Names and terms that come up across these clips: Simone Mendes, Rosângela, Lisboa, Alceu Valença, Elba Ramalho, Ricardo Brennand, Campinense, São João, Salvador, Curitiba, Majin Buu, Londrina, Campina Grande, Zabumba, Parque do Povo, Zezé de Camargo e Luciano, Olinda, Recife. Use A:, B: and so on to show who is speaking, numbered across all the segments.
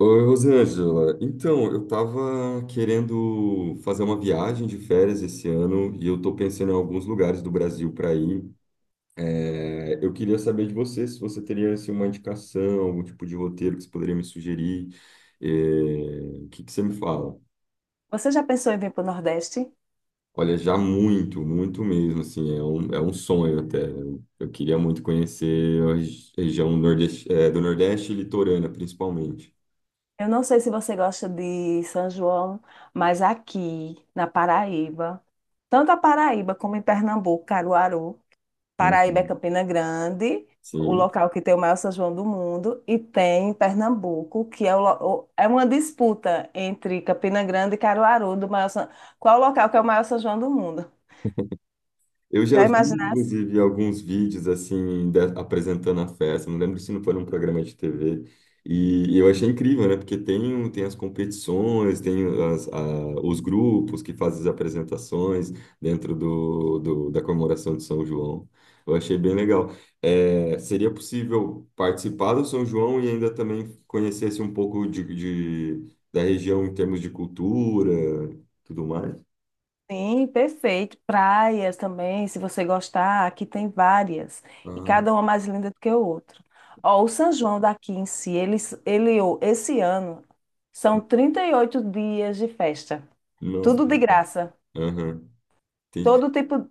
A: Oi, Rosângela. Então, eu estava querendo fazer uma viagem de férias esse ano e eu estou pensando em alguns lugares do Brasil para ir. Eu queria saber de você se você teria assim, uma indicação, algum tipo de roteiro que você poderia me sugerir. É, o que que você me fala?
B: Você já pensou em vir para o Nordeste?
A: Olha, já muito, muito mesmo, assim, é um sonho até. Eu queria muito conhecer a região nordeste, é, do Nordeste e litorânea, principalmente.
B: Eu não sei se você gosta de São João, mas aqui na Paraíba, tanto a Paraíba como em Pernambuco, Caruaru, Paraíba é
A: Uhum.
B: Campina Grande, o
A: Sim.
B: local que tem o maior São João do mundo, e tem Pernambuco, que é, é uma disputa entre Campina Grande e Caruaru do maior São... Qual o local que é o maior São João do mundo?
A: Eu já
B: Já
A: vi,
B: imaginaste?
A: inclusive, alguns vídeos assim, apresentando a festa. Não lembro se não foi num programa de TV. E eu achei incrível, né? Porque tem, tem as competições, tem os grupos que fazem as apresentações dentro da comemoração de São João. Eu achei bem legal. É, seria possível participar do São João e ainda também conhecesse um pouco da região em termos de cultura, tudo mais?
B: Sim, perfeito. Praias também, se você gostar, aqui tem várias. E
A: Ah,
B: cada uma mais linda do que o outro. Ó, o São João daqui em si, ele, ó, esse ano, são 38 dias de festa.
A: nossa.
B: Tudo de graça.
A: Aham. Entendi.
B: Todo tipo,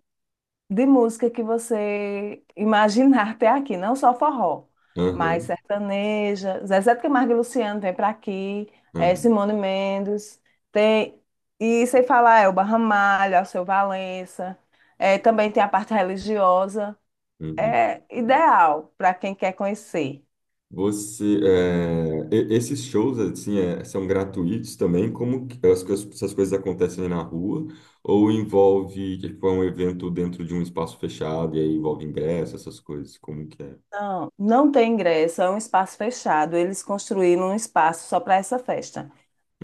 B: de música que você imaginar até aqui, não só forró, mas
A: Aham,
B: sertaneja, Zezé de Camargo e Luciano vem para aqui,
A: aham,
B: Simone Mendes, tem, e sem falar Elba Ramalho, Alceu Valença, também tem a parte religiosa,
A: uhum.
B: é ideal para quem quer conhecer.
A: Você, é, esses shows assim é, são gratuitos também? Como que as, essas coisas acontecem na rua? Ou envolve que foi um evento dentro de um espaço fechado e aí envolve ingresso, essas coisas? Como que é?
B: Não, não tem ingresso, é um espaço fechado. Eles construíram um espaço só para essa festa.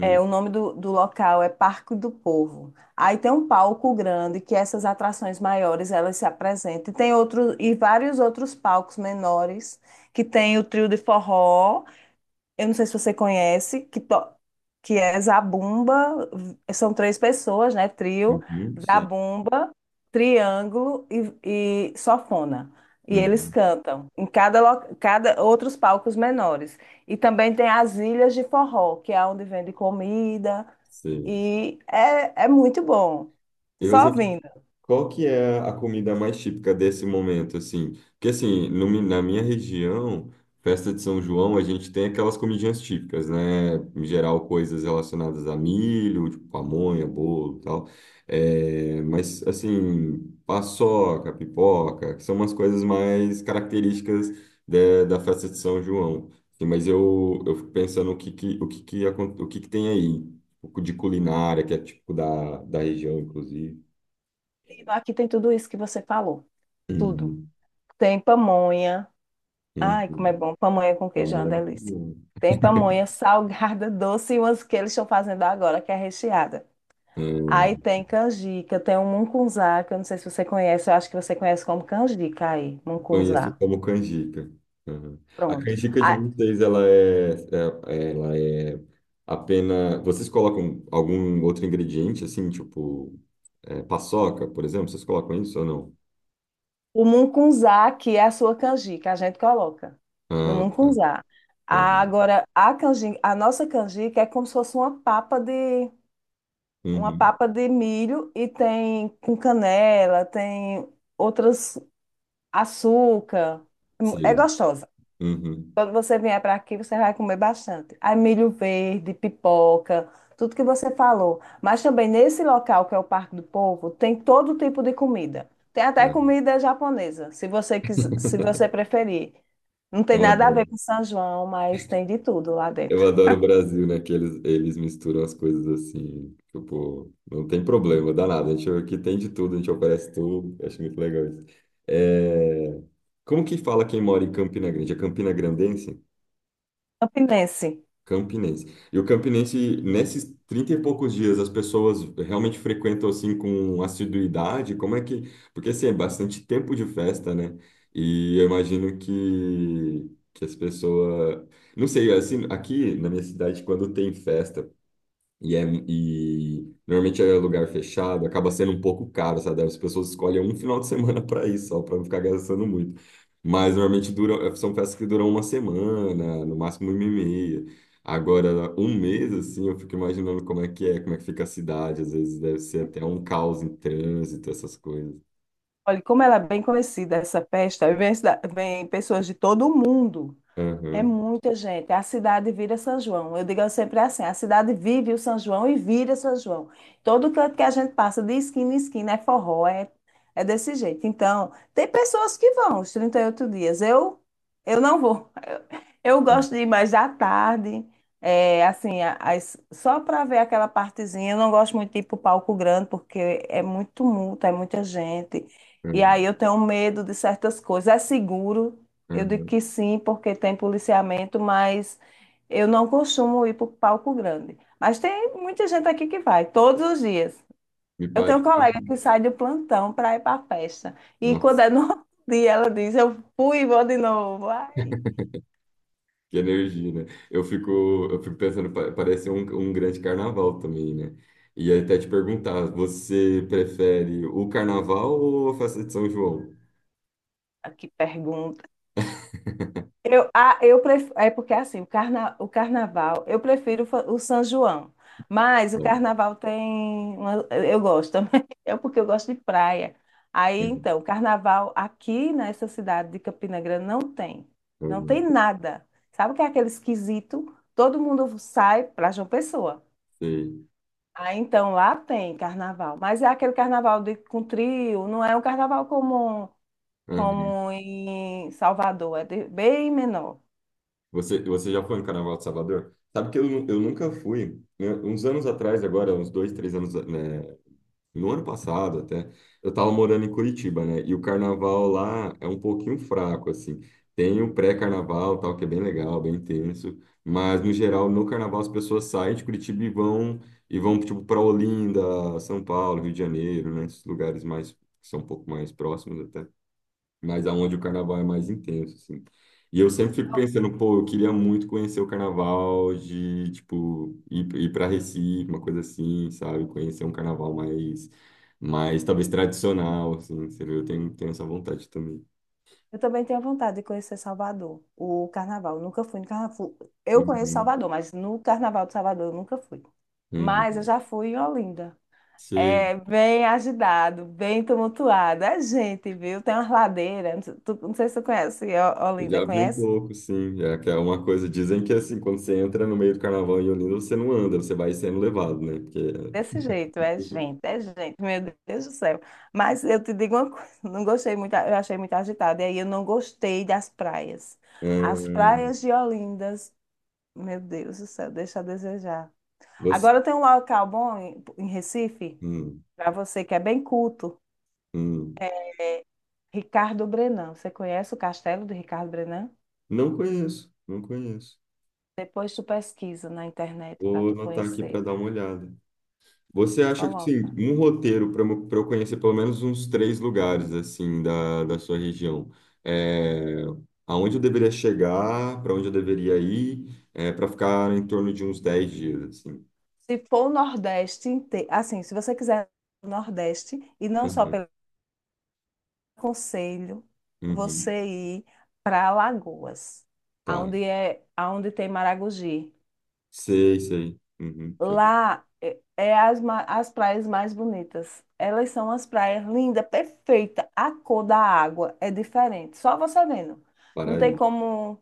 B: É, o nome do local é Parque do Povo. Aí tem um palco grande que essas atrações maiores elas se apresentam. E tem outro, e vários outros palcos menores que tem o trio de forró, eu não sei se você conhece, que é Zabumba, são 3 pessoas, né? Trio,
A: Uhum, sim,
B: Zabumba, Triângulo e Sofona. E eles
A: uhum,
B: cantam em cada, cada outros palcos menores. E também tem as Ilhas de Forró, que é onde vende comida.
A: sim.
B: E é muito bom.
A: E
B: Só
A: você?
B: vindo.
A: Qual que é a comida mais típica desse momento, assim? Porque, assim, no na minha região, festa de São João, a gente tem aquelas comidinhas típicas, né? Em geral, coisas relacionadas a milho, tipo pamonha, bolo e tal. É, mas, assim, paçoca, pipoca, que são umas coisas mais características da da festa de São João. Assim, mas eu fico pensando o que que tem aí, tipo, de culinária, que é típico da, da região, inclusive.
B: Aqui tem tudo isso que você falou. Tudo.
A: Uhum.
B: Tem pamonha. Ai, como é
A: Uhum.
B: bom. Pamonha com queijo é uma
A: Pamonha é muito
B: delícia.
A: bom.
B: Tem pamonha salgada, doce e umas que eles estão fazendo agora, que é recheada. Aí
A: Hum.
B: tem canjica, tem um mungunzá, que eu não sei se você conhece, eu acho que você conhece como canjica aí,
A: Conheço
B: mungunzá.
A: como canjica. Uhum. A
B: Pronto.
A: canjica de
B: Ah,
A: vocês, ela é apenas. Vocês colocam algum outro ingrediente, assim, tipo é, paçoca, por exemplo? Vocês colocam isso ou não?
B: o mungunzá aqui é a sua canjica, a gente coloca no
A: Ah, tá.
B: mungunzá. Ah,
A: Ah.
B: agora, a canjica, a nossa canjica é como se fosse uma
A: Uhum.
B: papa de milho e tem com canela, tem outras açúcar. É
A: Sim.
B: gostosa.
A: Uhum.
B: Quando você vier para aqui, você vai comer bastante. Aí milho verde, pipoca, tudo que você falou. Mas também nesse local, que é o Parque do Povo, tem todo tipo de comida. Tem até
A: É.
B: comida japonesa, se você quiser, se você preferir. Não tem
A: Eu
B: nada a
A: adoro.
B: ver com São João, mas tem de tudo lá dentro.
A: Eu adoro o Brasil, né? Que eles misturam as coisas assim. Tipo, não tem problema, danado. A gente aqui tem de tudo, a gente oferece tudo. Eu Acho muito legal isso. É, Como que fala quem mora em Campina Grande? É Campina Grandense?
B: Campinense.
A: Campinense. E o Campinense, nesses 30 e poucos dias, as pessoas realmente frequentam assim com assiduidade? Como é que. Porque assim, é bastante tempo de festa, né? E eu imagino que as pessoas. Não sei, assim, aqui na minha cidade, quando tem festa, e, é, e normalmente é lugar fechado, acaba sendo um pouco caro, sabe? As pessoas escolhem um final de semana para ir só para não ficar gastando muito. Mas normalmente duram, são festas que duram uma semana, no máximo uma e meia. Agora, um mês, assim, eu fico imaginando como é que é, como é que fica a cidade. Às vezes deve ser até um caos em trânsito, essas coisas.
B: Olha, como ela é bem conhecida, essa festa, vem, vem pessoas de todo o mundo. É
A: Aham,
B: muita gente. A cidade vira São João. Eu digo sempre assim: a cidade vive o São João e vira São João. Todo canto que a gente passa, de esquina em esquina, é forró, é desse jeito. Então, tem pessoas que vão os 38 dias. Eu não vou. Eu gosto de ir mais à tarde, é, assim, só para ver aquela partezinha. Eu não gosto muito de ir para o palco grande, porque é muito tumulto, é muita gente. E
A: aham,
B: aí eu tenho medo de certas coisas. É seguro. Eu digo
A: aham.
B: que sim, porque tem policiamento, mas eu não costumo ir para o palco grande. Mas tem muita gente aqui que vai, todos os dias.
A: Me
B: Eu tenho um
A: parece.
B: colega que sai do plantão para ir para a festa. E quando
A: Nossa.
B: é no outro dia, ela diz: Eu fui e vou de novo. Ai,
A: Que energia, né? Eu fico pensando, parece um, um grande carnaval também, né? E aí até te perguntar, você prefere o carnaval ou a festa de São João?
B: que pergunta. Eu, ah, eu prefiro, é porque assim, o carnaval, eu prefiro o São João, mas o
A: Bom.
B: carnaval tem, eu gosto também, é porque eu gosto de praia. Aí,
A: Uhum,
B: então, o carnaval aqui nessa cidade de Campina Grande não tem, não
A: uhum.
B: tem nada. Sabe o que é aquele esquisito? Todo mundo sai para João Pessoa.
A: Sei.
B: Aí, então, lá tem carnaval, mas é aquele carnaval de, com trio, não é um carnaval como,
A: Uhum.
B: como em Salvador, é bem menor.
A: Você, você já foi no Carnaval de Salvador? Sabe que eu, eu nunca fui. Né? Uns anos atrás, agora, uns dois, três anos, né, no ano passado até, eu estava morando em Curitiba, né? E o carnaval lá é um pouquinho fraco, assim. Tem o pré-carnaval, tal, que é bem legal, bem intenso, mas no geral, no carnaval as pessoas saem de Curitiba e vão tipo para Olinda, São Paulo, Rio de Janeiro, né? Esses lugares mais que são um pouco mais próximos até mas aonde o carnaval é mais intenso, assim. E eu sempre fico pensando, pô, eu queria muito conhecer o carnaval de, tipo, ir para Recife, uma coisa assim, sabe? Conhecer um carnaval mais, mais talvez tradicional, assim, você viu? Eu tenho, tenho essa vontade também.
B: Eu também tenho vontade de conhecer Salvador, o carnaval. Eu nunca fui no carnaval. Eu conheço
A: Uhum,
B: Salvador, mas no carnaval de Salvador eu nunca fui. Mas eu
A: uhum.
B: já fui em Olinda.
A: Sim,
B: É bem agitado, bem tumultuado. É gente, viu? Tem umas ladeiras. Não sei se tu conhece
A: eu
B: Olinda,
A: já vi um
B: conhece?
A: pouco, sim. É que é uma coisa, dizem que assim, quando você entra no meio do carnaval em Olinda, você não anda, você vai sendo levado, né? Porque...
B: Desse jeito, é gente, meu Deus do céu. Mas eu te digo uma coisa, não gostei muito, eu achei muito agitado. E aí eu não gostei das praias. As
A: Hum,
B: praias de Olindas, meu Deus do céu, deixa a desejar.
A: você...
B: Agora tem um local bom em Recife,
A: Hum,
B: para você que é bem culto,
A: hum.
B: Ricardo Brennand. Você conhece o castelo de Ricardo Brennand?
A: Não conheço, não conheço.
B: Depois tu pesquisa na internet para
A: Vou
B: tu
A: anotar aqui para
B: conhecer.
A: dar uma olhada. Você acha que, sim,
B: Coloca.
A: um roteiro para eu conhecer pelo menos uns três lugares, assim, da, da sua região? É, aonde eu deveria chegar, para onde eu deveria ir, para ficar em torno de uns 10 dias, assim.
B: Se for o Nordeste inteiro, assim, se você quiser o Nordeste, e não só
A: Uhum,
B: pelo conselho,
A: uhum,
B: você ir para Alagoas,
A: tá.
B: aonde é, aonde tem Maragogi.
A: Sei, sei. Uhum, deixa eu
B: Lá é, as praias mais bonitas. Elas são as praias lindas, perfeita. A cor da água é diferente. Só você vendo. Não
A: parar
B: tem
A: aí.
B: como.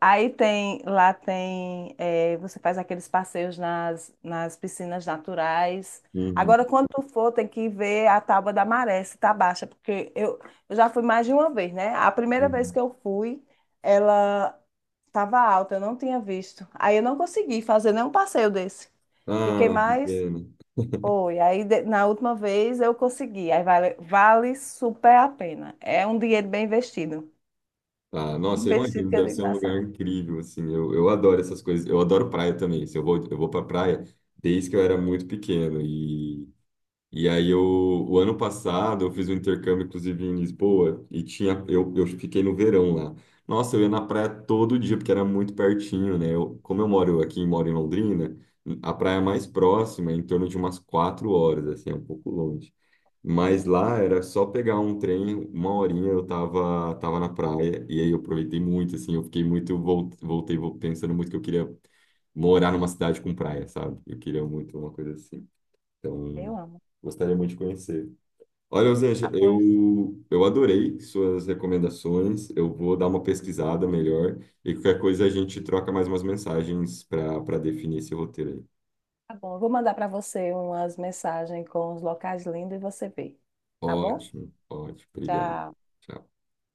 B: Aí tem, lá tem, é, você faz aqueles passeios nas piscinas naturais.
A: Uhum,
B: Agora, quando tu for, tem que ver a tábua da maré, se tá baixa, porque eu já fui mais de uma vez, né? A primeira vez
A: uhum.
B: que eu fui, ela estava alta, eu não tinha visto. Aí eu não consegui fazer nenhum passeio desse. Fiquei
A: Ah, que
B: mais.
A: pena.
B: Foi. Aí na última vez eu consegui. Aí vale, vale super a pena. É um dinheiro bem investido.
A: Ah, nossa, eu
B: Investido
A: imagino,
B: que eu
A: deve
B: digo,
A: ser um
B: nossa,
A: lugar incrível, assim, eu adoro essas coisas, eu adoro praia também, assim, eu vou pra praia desde que eu era muito pequeno, e aí eu, o ano passado eu fiz um intercâmbio, inclusive, em Lisboa, e tinha, eu fiquei no verão lá, nossa, eu ia na praia todo dia, porque era muito pertinho, né, eu, como eu moro aqui, moro em Londrina, a praia mais próxima é em torno de umas 4 horas, assim, é um pouco longe, mas lá era só pegar um trem, uma horinha eu tava, tava na praia, e aí eu aproveitei muito, assim, eu fiquei muito, pensando muito que eu queria morar numa cidade com praia, sabe? Eu queria muito uma coisa assim. Então,
B: eu amo.
A: gostaria muito de conhecer. Olha, Osanja,
B: Ah, pois
A: eu adorei suas recomendações, eu vou dar uma pesquisada melhor, e qualquer coisa a gente troca mais umas mensagens para para definir esse roteiro aí.
B: tá bom. Eu vou mandar para você umas mensagens com os locais lindos e você vê. Tá bom?
A: Ótimo, ótimo, obrigado.
B: Tchau.
A: Tchau.